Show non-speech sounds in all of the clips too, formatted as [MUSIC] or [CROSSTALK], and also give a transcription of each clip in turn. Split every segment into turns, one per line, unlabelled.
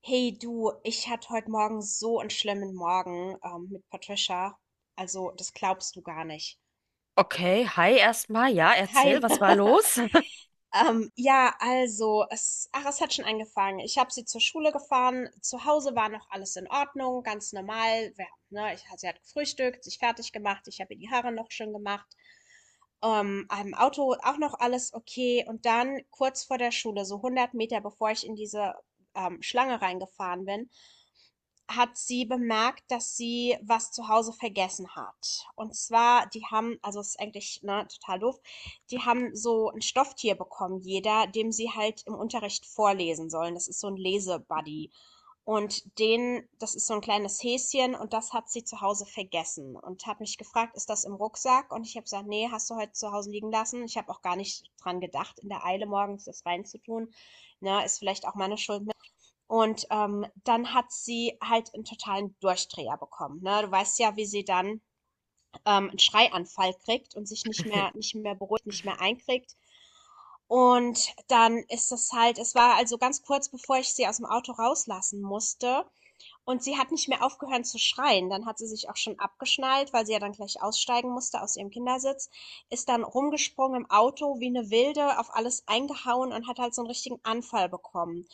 Hey du, ich hatte heute Morgen so einen schlimmen Morgen mit Patricia. Also, das glaubst du gar nicht.
Okay, hi erstmal. Ja,
Hi.
erzähl, was war
[LAUGHS]
los?
Ja, also, es hat schon angefangen. Ich habe sie zur Schule gefahren. Zu Hause war noch alles in Ordnung, ganz normal. Ja, ne, sie hat gefrühstückt, sich fertig gemacht. Ich habe ihr die Haare noch schön gemacht. Am Auto auch noch alles okay. Und dann kurz vor der Schule, so 100 Meter bevor ich in diese Schlange reingefahren bin, hat sie bemerkt, dass sie was zu Hause vergessen hat. Und zwar, die haben, also es ist eigentlich ne, total doof, die haben so ein Stofftier bekommen, jeder, dem sie halt im Unterricht vorlesen sollen. Das ist so ein Lesebuddy. Und das ist so ein kleines Häschen und das hat sie zu Hause vergessen und hat mich gefragt, ist das im Rucksack? Und ich habe gesagt, nee, hast du heute zu Hause liegen lassen. Ich habe auch gar nicht dran gedacht, in der Eile morgens das reinzutun. Na, ist vielleicht auch meine Schuld, und dann hat sie halt einen totalen Durchdreher bekommen. Ne? Du weißt ja, wie sie dann einen Schreianfall kriegt und sich
[LAUGHS]
nicht mehr beruhigt, nicht mehr einkriegt. Und dann ist das halt, es war also ganz kurz bevor ich sie aus dem Auto rauslassen musste. Und sie hat nicht mehr aufgehört zu schreien. Dann hat sie sich auch schon abgeschnallt, weil sie ja dann gleich aussteigen musste aus ihrem Kindersitz. Ist dann rumgesprungen im Auto wie eine Wilde, auf alles eingehauen und hat halt so einen richtigen Anfall bekommen.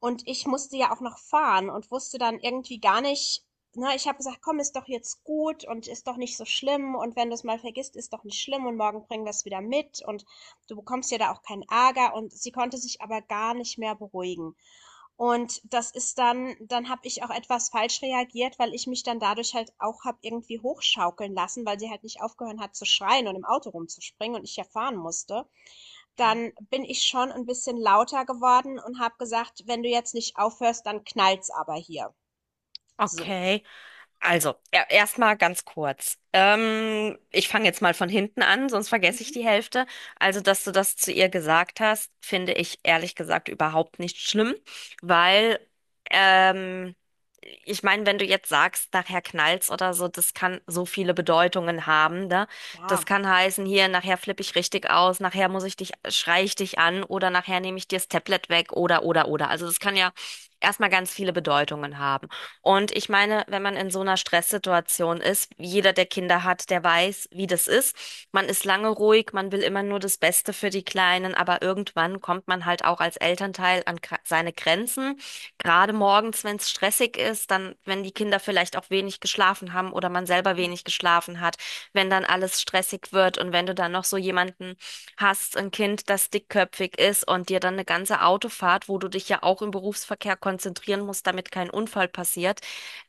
Und ich musste ja auch noch fahren und wusste dann irgendwie gar nicht, ne, ich habe gesagt, komm, ist doch jetzt gut und ist doch nicht so schlimm und wenn du es mal vergisst, ist doch nicht schlimm und morgen bringen wir es wieder mit und du bekommst ja da auch keinen Ärger und sie konnte sich aber gar nicht mehr beruhigen. Und das ist dann, dann habe ich auch etwas falsch reagiert, weil ich mich dann dadurch halt auch habe irgendwie hochschaukeln lassen, weil sie halt nicht aufgehört hat zu schreien und im Auto rumzuspringen und ich ja fahren musste.
Ja.
Dann bin ich schon ein bisschen lauter geworden und habe gesagt: „Wenn du jetzt nicht aufhörst, dann knallt's aber hier." So.
Okay. Also, erstmal ganz kurz. Ich fange jetzt mal von hinten an, sonst vergesse ich
Mhm.
die Hälfte. Also, dass du das zu ihr gesagt hast, finde ich ehrlich gesagt überhaupt nicht schlimm, weil ähm, ich meine, wenn du jetzt sagst, nachher knallt's oder so, das kann so viele Bedeutungen haben, ne? Das
Ja.
kann heißen, hier, nachher flippe ich richtig aus, nachher muss ich dich, schrei ich dich an oder nachher nehme ich dir das Tablet weg oder oder. Also, das kann ja erstmal ganz viele Bedeutungen haben. Und ich meine, wenn man in so einer Stresssituation ist, jeder, der Kinder hat, der weiß, wie das ist. Man ist lange ruhig, man will immer nur das Beste für die Kleinen, aber irgendwann kommt man halt auch als Elternteil an seine Grenzen. Gerade morgens, wenn es stressig ist, dann, wenn die Kinder vielleicht auch wenig geschlafen haben oder man selber
Mhm.
wenig geschlafen hat, wenn dann alles stressig wird und wenn du dann noch so jemanden hast ein Kind, das dickköpfig ist und dir dann eine ganze Autofahrt, wo du dich ja auch im Berufsverkehr konzentrieren musst, damit kein Unfall passiert,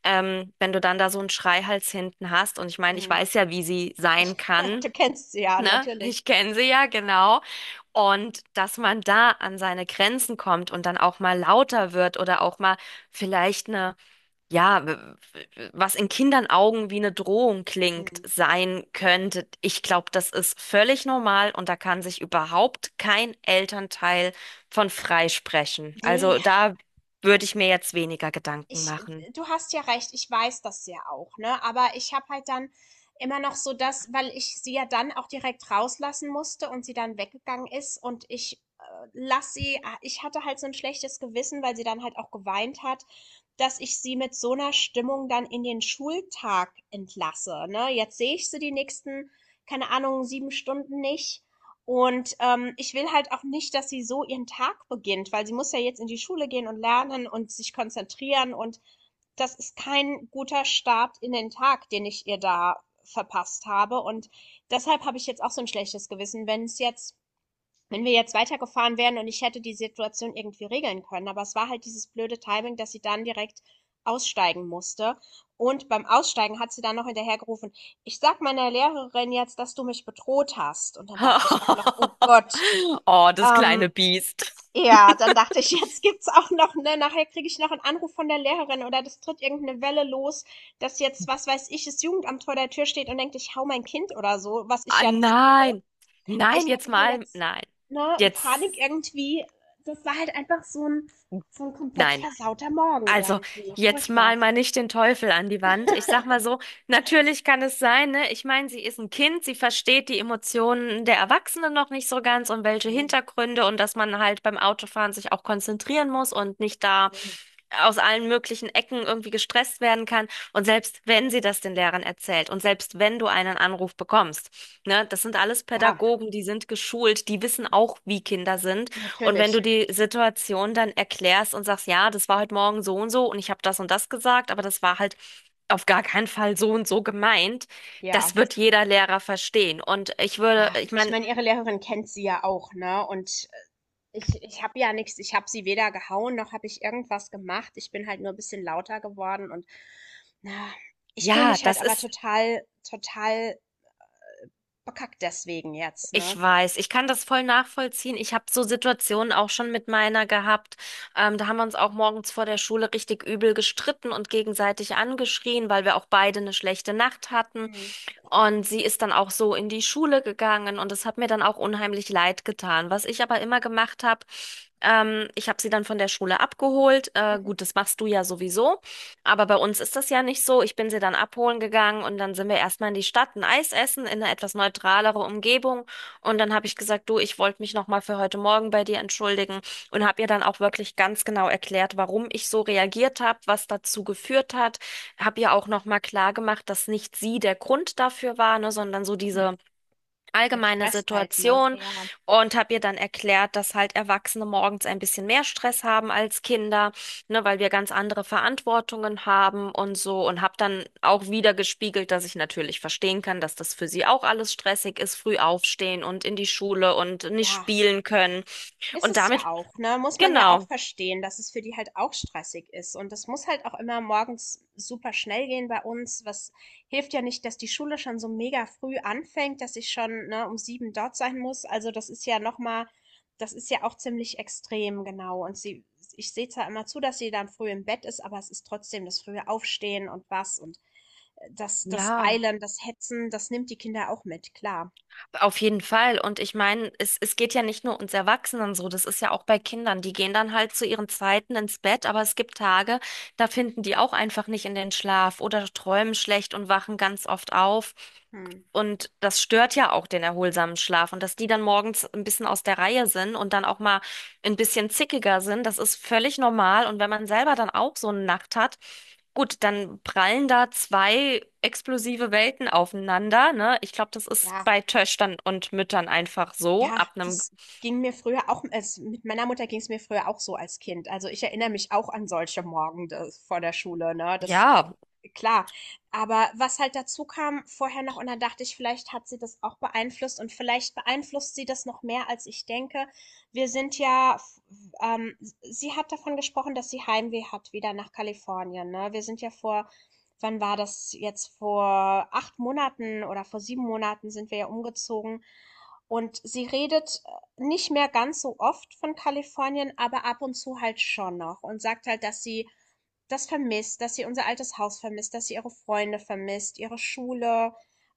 wenn du dann da so einen Schreihals hinten hast. Und ich meine, ich weiß ja, wie sie sein
[LAUGHS] Du
kann.
kennst sie ja,
Ne?
natürlich.
Ich kenne sie ja, genau. Und dass man da an seine Grenzen kommt und dann auch mal lauter wird oder auch mal vielleicht eine ja, was in Kindern Augen wie eine Drohung klingt,
Mhm.
sein könnte. Ich glaube, das ist völlig normal und da kann sich überhaupt kein Elternteil von freisprechen.
Ne,
Also da würde ich mir jetzt weniger Gedanken
ich,
machen.
du hast ja recht, ich weiß das ja auch, ne? Aber ich habe halt dann immer noch so das, weil ich sie ja dann auch direkt rauslassen musste und sie dann weggegangen ist und ich hatte halt so ein schlechtes Gewissen, weil sie dann halt auch geweint hat, dass ich sie mit so einer Stimmung dann in den Schultag entlasse, ne? Jetzt sehe ich sie die nächsten, keine Ahnung, 7 Stunden nicht. Und ich will halt auch nicht, dass sie so ihren Tag beginnt, weil sie muss ja jetzt in die Schule gehen und lernen und sich konzentrieren. Und das ist kein guter Start in den Tag, den ich ihr da verpasst habe. Und deshalb habe ich jetzt auch so ein schlechtes Gewissen, wenn wir jetzt weitergefahren wären und ich hätte die Situation irgendwie regeln können. Aber es war halt dieses blöde Timing, dass sie dann direkt aussteigen musste. Und beim Aussteigen hat sie dann noch hinterhergerufen, ich sag meiner Lehrerin jetzt, dass du mich bedroht hast. Und dann dachte ich auch noch, oh
[LAUGHS]
Gott.
Oh, das
Ähm,
kleine Biest.
ja, dann dachte ich, [LAUGHS] jetzt gibt's auch noch, ne, nachher kriege ich noch einen Anruf von der Lehrerin oder das tritt irgendeine Welle los, dass jetzt, was weiß ich, das Jugendamt vor der Tür steht und denkt, ich hau mein Kind oder so, was ich
Ah,
ja nicht tue.
nein. Nein,
Ich habe
jetzt
da
mal.
jetzt,
Nein.
ne,
Jetzt.
Panik irgendwie. Das war halt einfach so ein komplett
Nein.
versauter Morgen
Also,
irgendwie.
jetzt
Furchtbar.
mal nicht den Teufel an die Wand. Ich sag mal so, natürlich kann es sein, ne? Ich meine, sie ist ein Kind, sie versteht die Emotionen der Erwachsenen noch nicht so ganz und welche Hintergründe und dass man halt beim Autofahren sich auch konzentrieren muss und nicht da
Ne.
aus allen möglichen Ecken irgendwie gestresst werden kann. Und selbst wenn sie das den Lehrern erzählt und selbst wenn du einen Anruf bekommst, ne, das sind alles
Ja,
Pädagogen, die sind geschult, die wissen auch, wie Kinder sind. Und wenn
natürlich.
du die Situation dann erklärst und sagst, ja, das war heute Morgen so und so und ich habe das und das gesagt, aber das war halt auf gar keinen Fall so und so gemeint,
Ja,
das wird jeder Lehrer verstehen. Und ich würde,
ja.
ich
Ich
meine,
meine, ihre Lehrerin kennt sie ja auch, ne? Und ich habe ja nichts. Ich habe sie weder gehauen, noch habe ich irgendwas gemacht. Ich bin halt nur ein bisschen lauter geworden und, na, ich fühle
ja,
mich halt
das
aber
ist.
total total bekackt deswegen jetzt, ne?
Ich weiß, ich kann das voll nachvollziehen. Ich habe so Situationen auch schon mit meiner gehabt. Da haben wir uns auch morgens vor der Schule richtig übel gestritten und gegenseitig angeschrien, weil wir auch beide eine schlechte Nacht hatten.
Mhm.
Und sie ist dann auch so in die Schule gegangen und es hat mir dann auch unheimlich leid getan. Was ich aber immer gemacht habe, ich habe sie dann von der Schule abgeholt.
Mhm.
Gut, das machst du ja sowieso, aber bei uns ist das ja nicht so. Ich bin sie dann abholen gegangen und dann sind wir erstmal in die Stadt ein Eis essen in eine etwas neutralere Umgebung und dann habe ich gesagt, du, ich wollte mich nochmal für heute Morgen bei dir entschuldigen und habe ihr dann auch wirklich ganz genau erklärt, warum ich so reagiert habe, was dazu geführt hat. Habe ihr auch nochmal klar gemacht, dass nicht sie der Grund dafür war, ne, sondern so
Mhm.
diese
Der
allgemeine
Stress halt, ne?
Situation
Ja.
und habe ihr dann erklärt, dass halt Erwachsene morgens ein bisschen mehr Stress haben als Kinder, ne, weil wir ganz andere Verantwortungen haben und so und habe dann auch wieder gespiegelt, dass ich natürlich verstehen kann, dass das für sie auch alles stressig ist, früh aufstehen und in die Schule und nicht
Ja.
spielen können
Ist
und
es ja
damit,
auch, ne? Muss man ja auch
genau.
verstehen, dass es für die halt auch stressig ist. Und das muss halt auch immer morgens super schnell gehen bei uns. Was hilft ja nicht, dass die Schule schon so mega früh anfängt, dass ich schon, ne, um sieben dort sein muss. Also das ist ja nochmal, das ist ja auch ziemlich extrem, genau. Und ich sehe zwar immer zu, dass sie dann früh im Bett ist, aber es ist trotzdem das frühe Aufstehen und was und das
Ja.
Eilen, das Hetzen, das nimmt die Kinder auch mit, klar.
Auf jeden Fall. Und ich meine, es geht ja nicht nur uns Erwachsenen so, das ist ja auch bei Kindern. Die gehen dann halt zu ihren Zeiten ins Bett, aber es gibt Tage, da finden die auch einfach nicht in den Schlaf oder träumen schlecht und wachen ganz oft auf.
Hm.
Und das stört ja auch den erholsamen Schlaf. Und dass die dann morgens ein bisschen aus der Reihe sind und dann auch mal ein bisschen zickiger sind, das ist völlig normal. Und wenn man selber dann auch so eine Nacht hat, gut, dann prallen da zwei explosive Welten aufeinander, ne? Ich glaube, das ist
Ja.
bei Töchtern und Müttern einfach so.
Ja,
Ab einem,
das ging mir früher auch. Also, mit meiner Mutter ging es mir früher auch so als Kind. Also, ich erinnere mich auch an solche Morgende vor der Schule, ne? Das
ja,
klar. Aber was halt dazu kam vorher noch und dann dachte ich, vielleicht hat sie das auch beeinflusst und vielleicht beeinflusst sie das noch mehr, als ich denke. Wir sind ja, f- ähm, sie hat davon gesprochen, dass sie Heimweh hat wieder nach Kalifornien, ne? Wir sind ja vor, wann war das jetzt? Vor 8 Monaten oder vor 7 Monaten sind wir ja umgezogen. Und sie redet nicht mehr ganz so oft von Kalifornien, aber ab und zu halt schon noch und sagt halt, dass sie das vermisst, dass sie unser altes Haus vermisst, dass sie ihre Freunde vermisst, ihre Schule.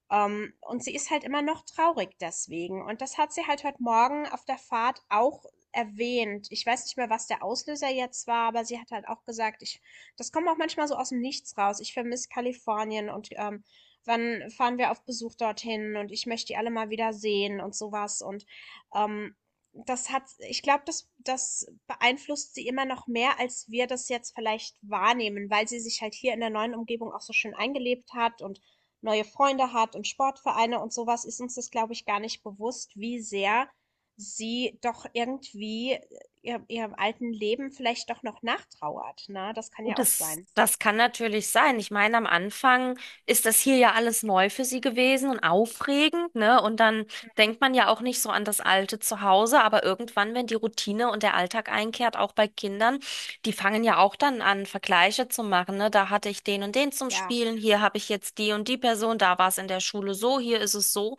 Und sie ist halt immer noch traurig deswegen. Und das hat sie halt heute Morgen auf der Fahrt auch erwähnt. Ich weiß nicht mehr, was der Auslöser jetzt war, aber sie hat halt auch gesagt, das kommt auch manchmal so aus dem Nichts raus. Ich vermisse Kalifornien und wann fahren wir auf Besuch dorthin und ich möchte die alle mal wieder sehen und sowas. Und ähm, ich glaube, das beeinflusst sie immer noch mehr, als wir das jetzt vielleicht wahrnehmen, weil sie sich halt hier in der neuen Umgebung auch so schön eingelebt hat und neue Freunde hat und Sportvereine und sowas, ist uns das, glaube ich, gar nicht bewusst, wie sehr sie doch irgendwie ihrem alten Leben vielleicht doch noch nachtrauert. Ne? Das kann ja
gut,
auch
das,
sein.
das kann natürlich sein. Ich meine, am Anfang ist das hier ja alles neu für sie gewesen und aufregend, ne? Und dann
Mhm.
denkt man ja auch nicht so an das alte Zuhause, aber irgendwann, wenn die Routine und der Alltag einkehrt, auch bei Kindern, die fangen ja auch dann an, Vergleiche zu machen, ne? Da hatte ich den und den zum
Ja,
Spielen, hier habe ich jetzt die und die Person, da war es in der Schule so, hier ist es so.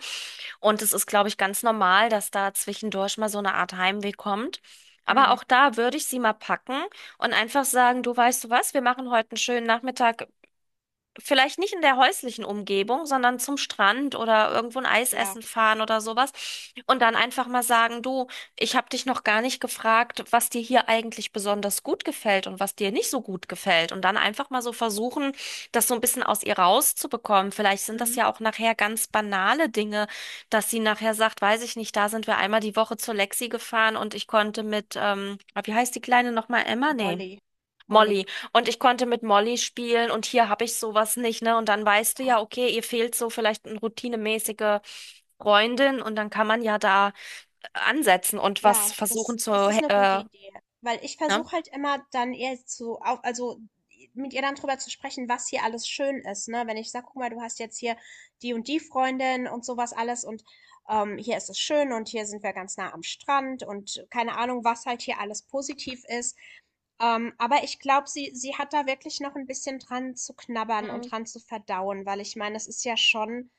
Und es ist, glaube ich, ganz normal, dass da zwischendurch mal so eine Art Heimweh kommt. Aber
hm.
auch da würde ich sie mal packen und einfach sagen, du weißt du was, wir machen heute einen schönen Nachmittag, vielleicht nicht in der häuslichen Umgebung, sondern zum Strand oder irgendwo ein Eis
Ja,
essen fahren oder sowas. Und dann einfach mal sagen, du, ich habe dich noch gar nicht gefragt, was dir hier eigentlich besonders gut gefällt und was dir nicht so gut gefällt. Und dann einfach mal so versuchen, das so ein bisschen aus ihr rauszubekommen. Vielleicht sind das
Mhm.
ja auch nachher ganz banale Dinge, dass sie nachher sagt, weiß ich nicht, da sind wir einmal die Woche zur Lexi gefahren und ich konnte mit, ah, wie heißt die Kleine nochmal, Emma?
Die
Nee.
Molly. Molly.
Molly. Und ich konnte mit Molly spielen und hier habe ich sowas nicht, ne? Und dann weißt du ja, okay, ihr fehlt so vielleicht eine routinemäßige Freundin und dann kann man ja da ansetzen und was
Ja,
versuchen
das
zu,
das ist 'ne gute Idee, weil ich
ne?
versuche halt immer dann eher zu au also, mit ihr dann drüber zu sprechen, was hier alles schön ist, ne? Wenn ich sage: „Guck mal, du hast jetzt hier die und die Freundin und sowas alles und, hier ist es schön und hier sind wir ganz nah am Strand" und keine Ahnung, was halt hier alles positiv ist. Aber ich glaube, sie hat da wirklich noch ein bisschen dran zu knabbern
Hm.
und dran zu verdauen, weil ich meine, es ist ja schon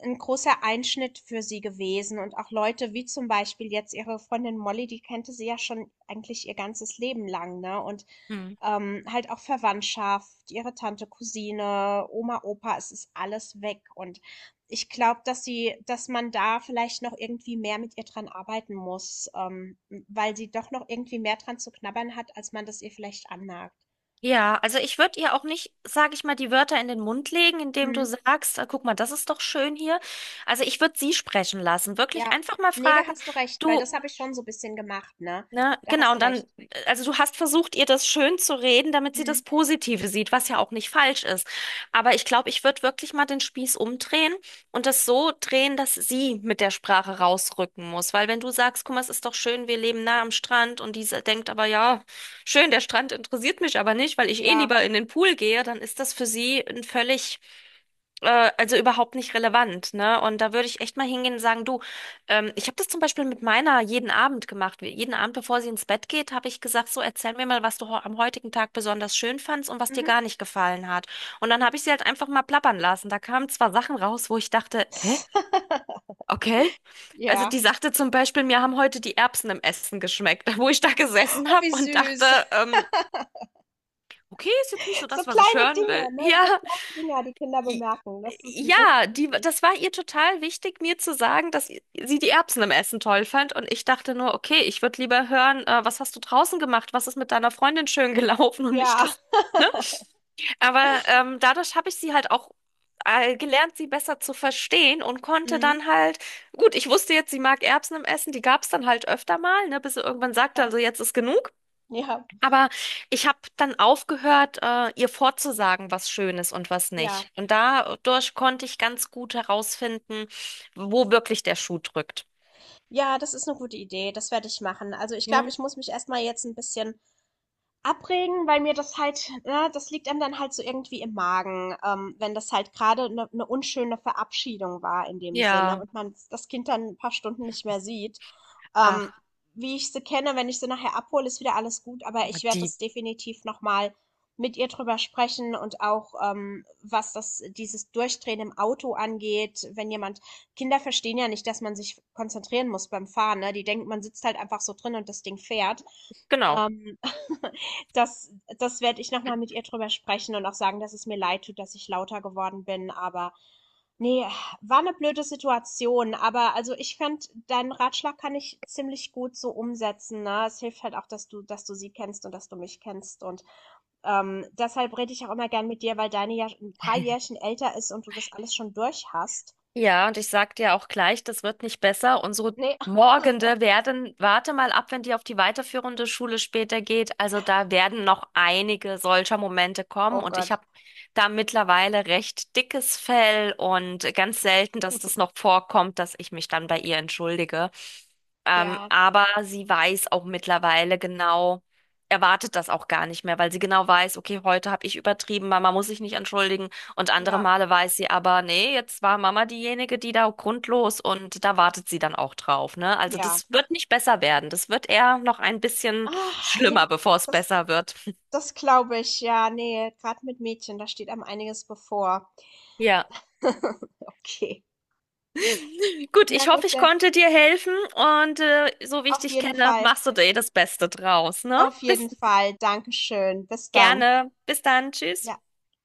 ein großer Einschnitt für sie gewesen und auch Leute wie zum Beispiel jetzt ihre Freundin Molly, die kannte sie ja schon eigentlich ihr ganzes Leben lang, ne? Und,
Hm.
halt auch Verwandtschaft, ihre Tante, Cousine, Oma, Opa, es ist alles weg. Und ich glaube, dass man da vielleicht noch irgendwie mehr mit ihr dran arbeiten muss, weil sie doch noch irgendwie mehr dran zu knabbern hat, als man das ihr vielleicht anmerkt.
Ja, also ich würde ihr auch nicht, sage ich mal, die Wörter in den Mund legen, indem du
Mhm.
sagst, guck mal, das ist doch schön hier. Also ich würde sie sprechen lassen. Wirklich
Ja.
einfach mal
Nee, da
fragen,
hast du recht, weil
du,
das habe ich schon so ein bisschen gemacht, ne?
ne?
Da
Genau,
hast du
und dann,
recht.
also du hast versucht, ihr das schön zu reden, damit sie
Mhm.
das Positive sieht, was ja auch nicht falsch ist. Aber ich glaube, ich würde wirklich mal den Spieß umdrehen und das so drehen, dass sie mit der Sprache rausrücken muss. Weil wenn du sagst, guck mal, es ist doch schön, wir leben nah am Strand und diese denkt aber, ja, schön, der Strand interessiert mich aber nicht, weil ich eh
Ja.
lieber in den Pool gehe, dann ist das für sie ein völlig also überhaupt nicht relevant, ne? Und da würde ich echt mal hingehen und sagen, du, ich habe das zum Beispiel mit meiner jeden Abend gemacht. Jeden Abend, bevor sie ins Bett geht, habe ich gesagt, so erzähl mir mal, was du am heutigen Tag besonders schön fandst und was dir
Mhm.
gar nicht gefallen hat. Und dann habe ich sie halt einfach mal plappern lassen. Da kamen zwar Sachen raus, wo ich dachte, hä?
[LAUGHS]
Okay. Also
Ja.
die sagte zum Beispiel, mir haben heute die Erbsen im Essen geschmeckt, [LAUGHS] wo ich da gesessen
Oh,
habe
wie
und
süß.
dachte, ähm, okay, ist jetzt nicht so
So
das, was ich
kleine
hören will.
Dinge,
[LAUGHS]
ne? So
Ja.
kleine Dinger, die Kinder bemerken. Das ist, das
Ja,
ist
die,
wirklich.
das war ihr total wichtig, mir zu sagen, dass sie die Erbsen im Essen toll fand. Und ich dachte nur, okay, ich würde lieber hören, was hast du draußen gemacht? Was ist mit deiner Freundin schön [LAUGHS] gelaufen und nicht
Ja,
das, ne? Aber dadurch habe ich sie halt auch gelernt, sie besser zu verstehen und konnte
Mhm.
dann halt, gut, ich wusste jetzt, sie mag Erbsen im Essen, die gab es dann halt öfter mal, ne, bis sie irgendwann sagte,
Ja,
also jetzt ist genug.
ja,
Aber ich habe dann aufgehört, ihr vorzusagen, was schön ist und was
ja.
nicht. Und dadurch konnte ich ganz gut herausfinden, wo wirklich der Schuh drückt.
Ja, das ist eine gute Idee. Das werde ich machen. Also ich glaube,
Ne?
ich muss mich erstmal jetzt ein bisschen abregen, weil mir das halt ne, das liegt einem dann halt so irgendwie im Magen, wenn das halt gerade eine 'ne unschöne Verabschiedung war in dem Sinne
Ja,
und man das Kind dann ein paar Stunden nicht mehr sieht.
ach,
Ähm, wie ich sie kenne, wenn ich sie nachher abhole, ist wieder alles gut, aber ich werde
die,
das definitiv nochmal mit ihr drüber sprechen und auch, was das dieses Durchdrehen im Auto angeht, wenn jemand Kinder verstehen ja nicht, dass man sich konzentrieren muss beim Fahren, ne? Die denken, man sitzt halt einfach so drin und das Ding fährt.
genau.
Ähm, [LAUGHS] das das werde ich noch mal mit ihr drüber sprechen und auch sagen, dass es mir leid tut, dass ich lauter geworden bin, aber nee, war 'ne blöde Situation, aber also, ich fand, deinen Ratschlag kann ich ziemlich gut so umsetzen, ne? Es hilft halt auch, dass du sie kennst und dass du mich kennst und, deshalb rede ich auch immer gern mit dir, weil deine ja ein paar
[LAUGHS]
Jährchen älter ist und du das alles schon durch hast.
Ja, und ich sag dir auch gleich, das wird nicht besser. Unsere
Ne,
Morgende werden, warte mal ab, wenn die auf die weiterführende Schule später geht. Also da werden noch einige solcher Momente
oh
kommen. Und ich
Gott.
habe da mittlerweile recht dickes Fell und ganz selten, dass das noch
[LAUGHS]
vorkommt, dass ich mich dann bei ihr entschuldige.
Ja,
Aber sie weiß auch mittlerweile genau, erwartet das auch gar nicht mehr, weil sie genau weiß, okay, heute habe ich übertrieben, Mama muss sich nicht entschuldigen. Und andere
ja,
Male weiß sie aber, nee, jetzt war Mama diejenige, die da grundlos und da wartet sie dann auch drauf, ne? Also
ja.
das wird nicht besser werden. Das wird eher noch ein bisschen
Ah, ja,
schlimmer, bevor es
das
besser wird.
Das glaube ich, ja, ne, gerade mit Mädchen, da steht einem einiges bevor.
Ja.
[LAUGHS] Okay.
[LAUGHS] Gut,
Na
ich
gut,
hoffe, ich
dann
konnte dir helfen und so wie ich
auf
dich
jeden
kenne,
Fall.
machst du dir das Beste draus, ne?
Auf jeden
Bis
Fall. Dankeschön. Bis dann.
gerne. Bis dann. Tschüss.
Ja.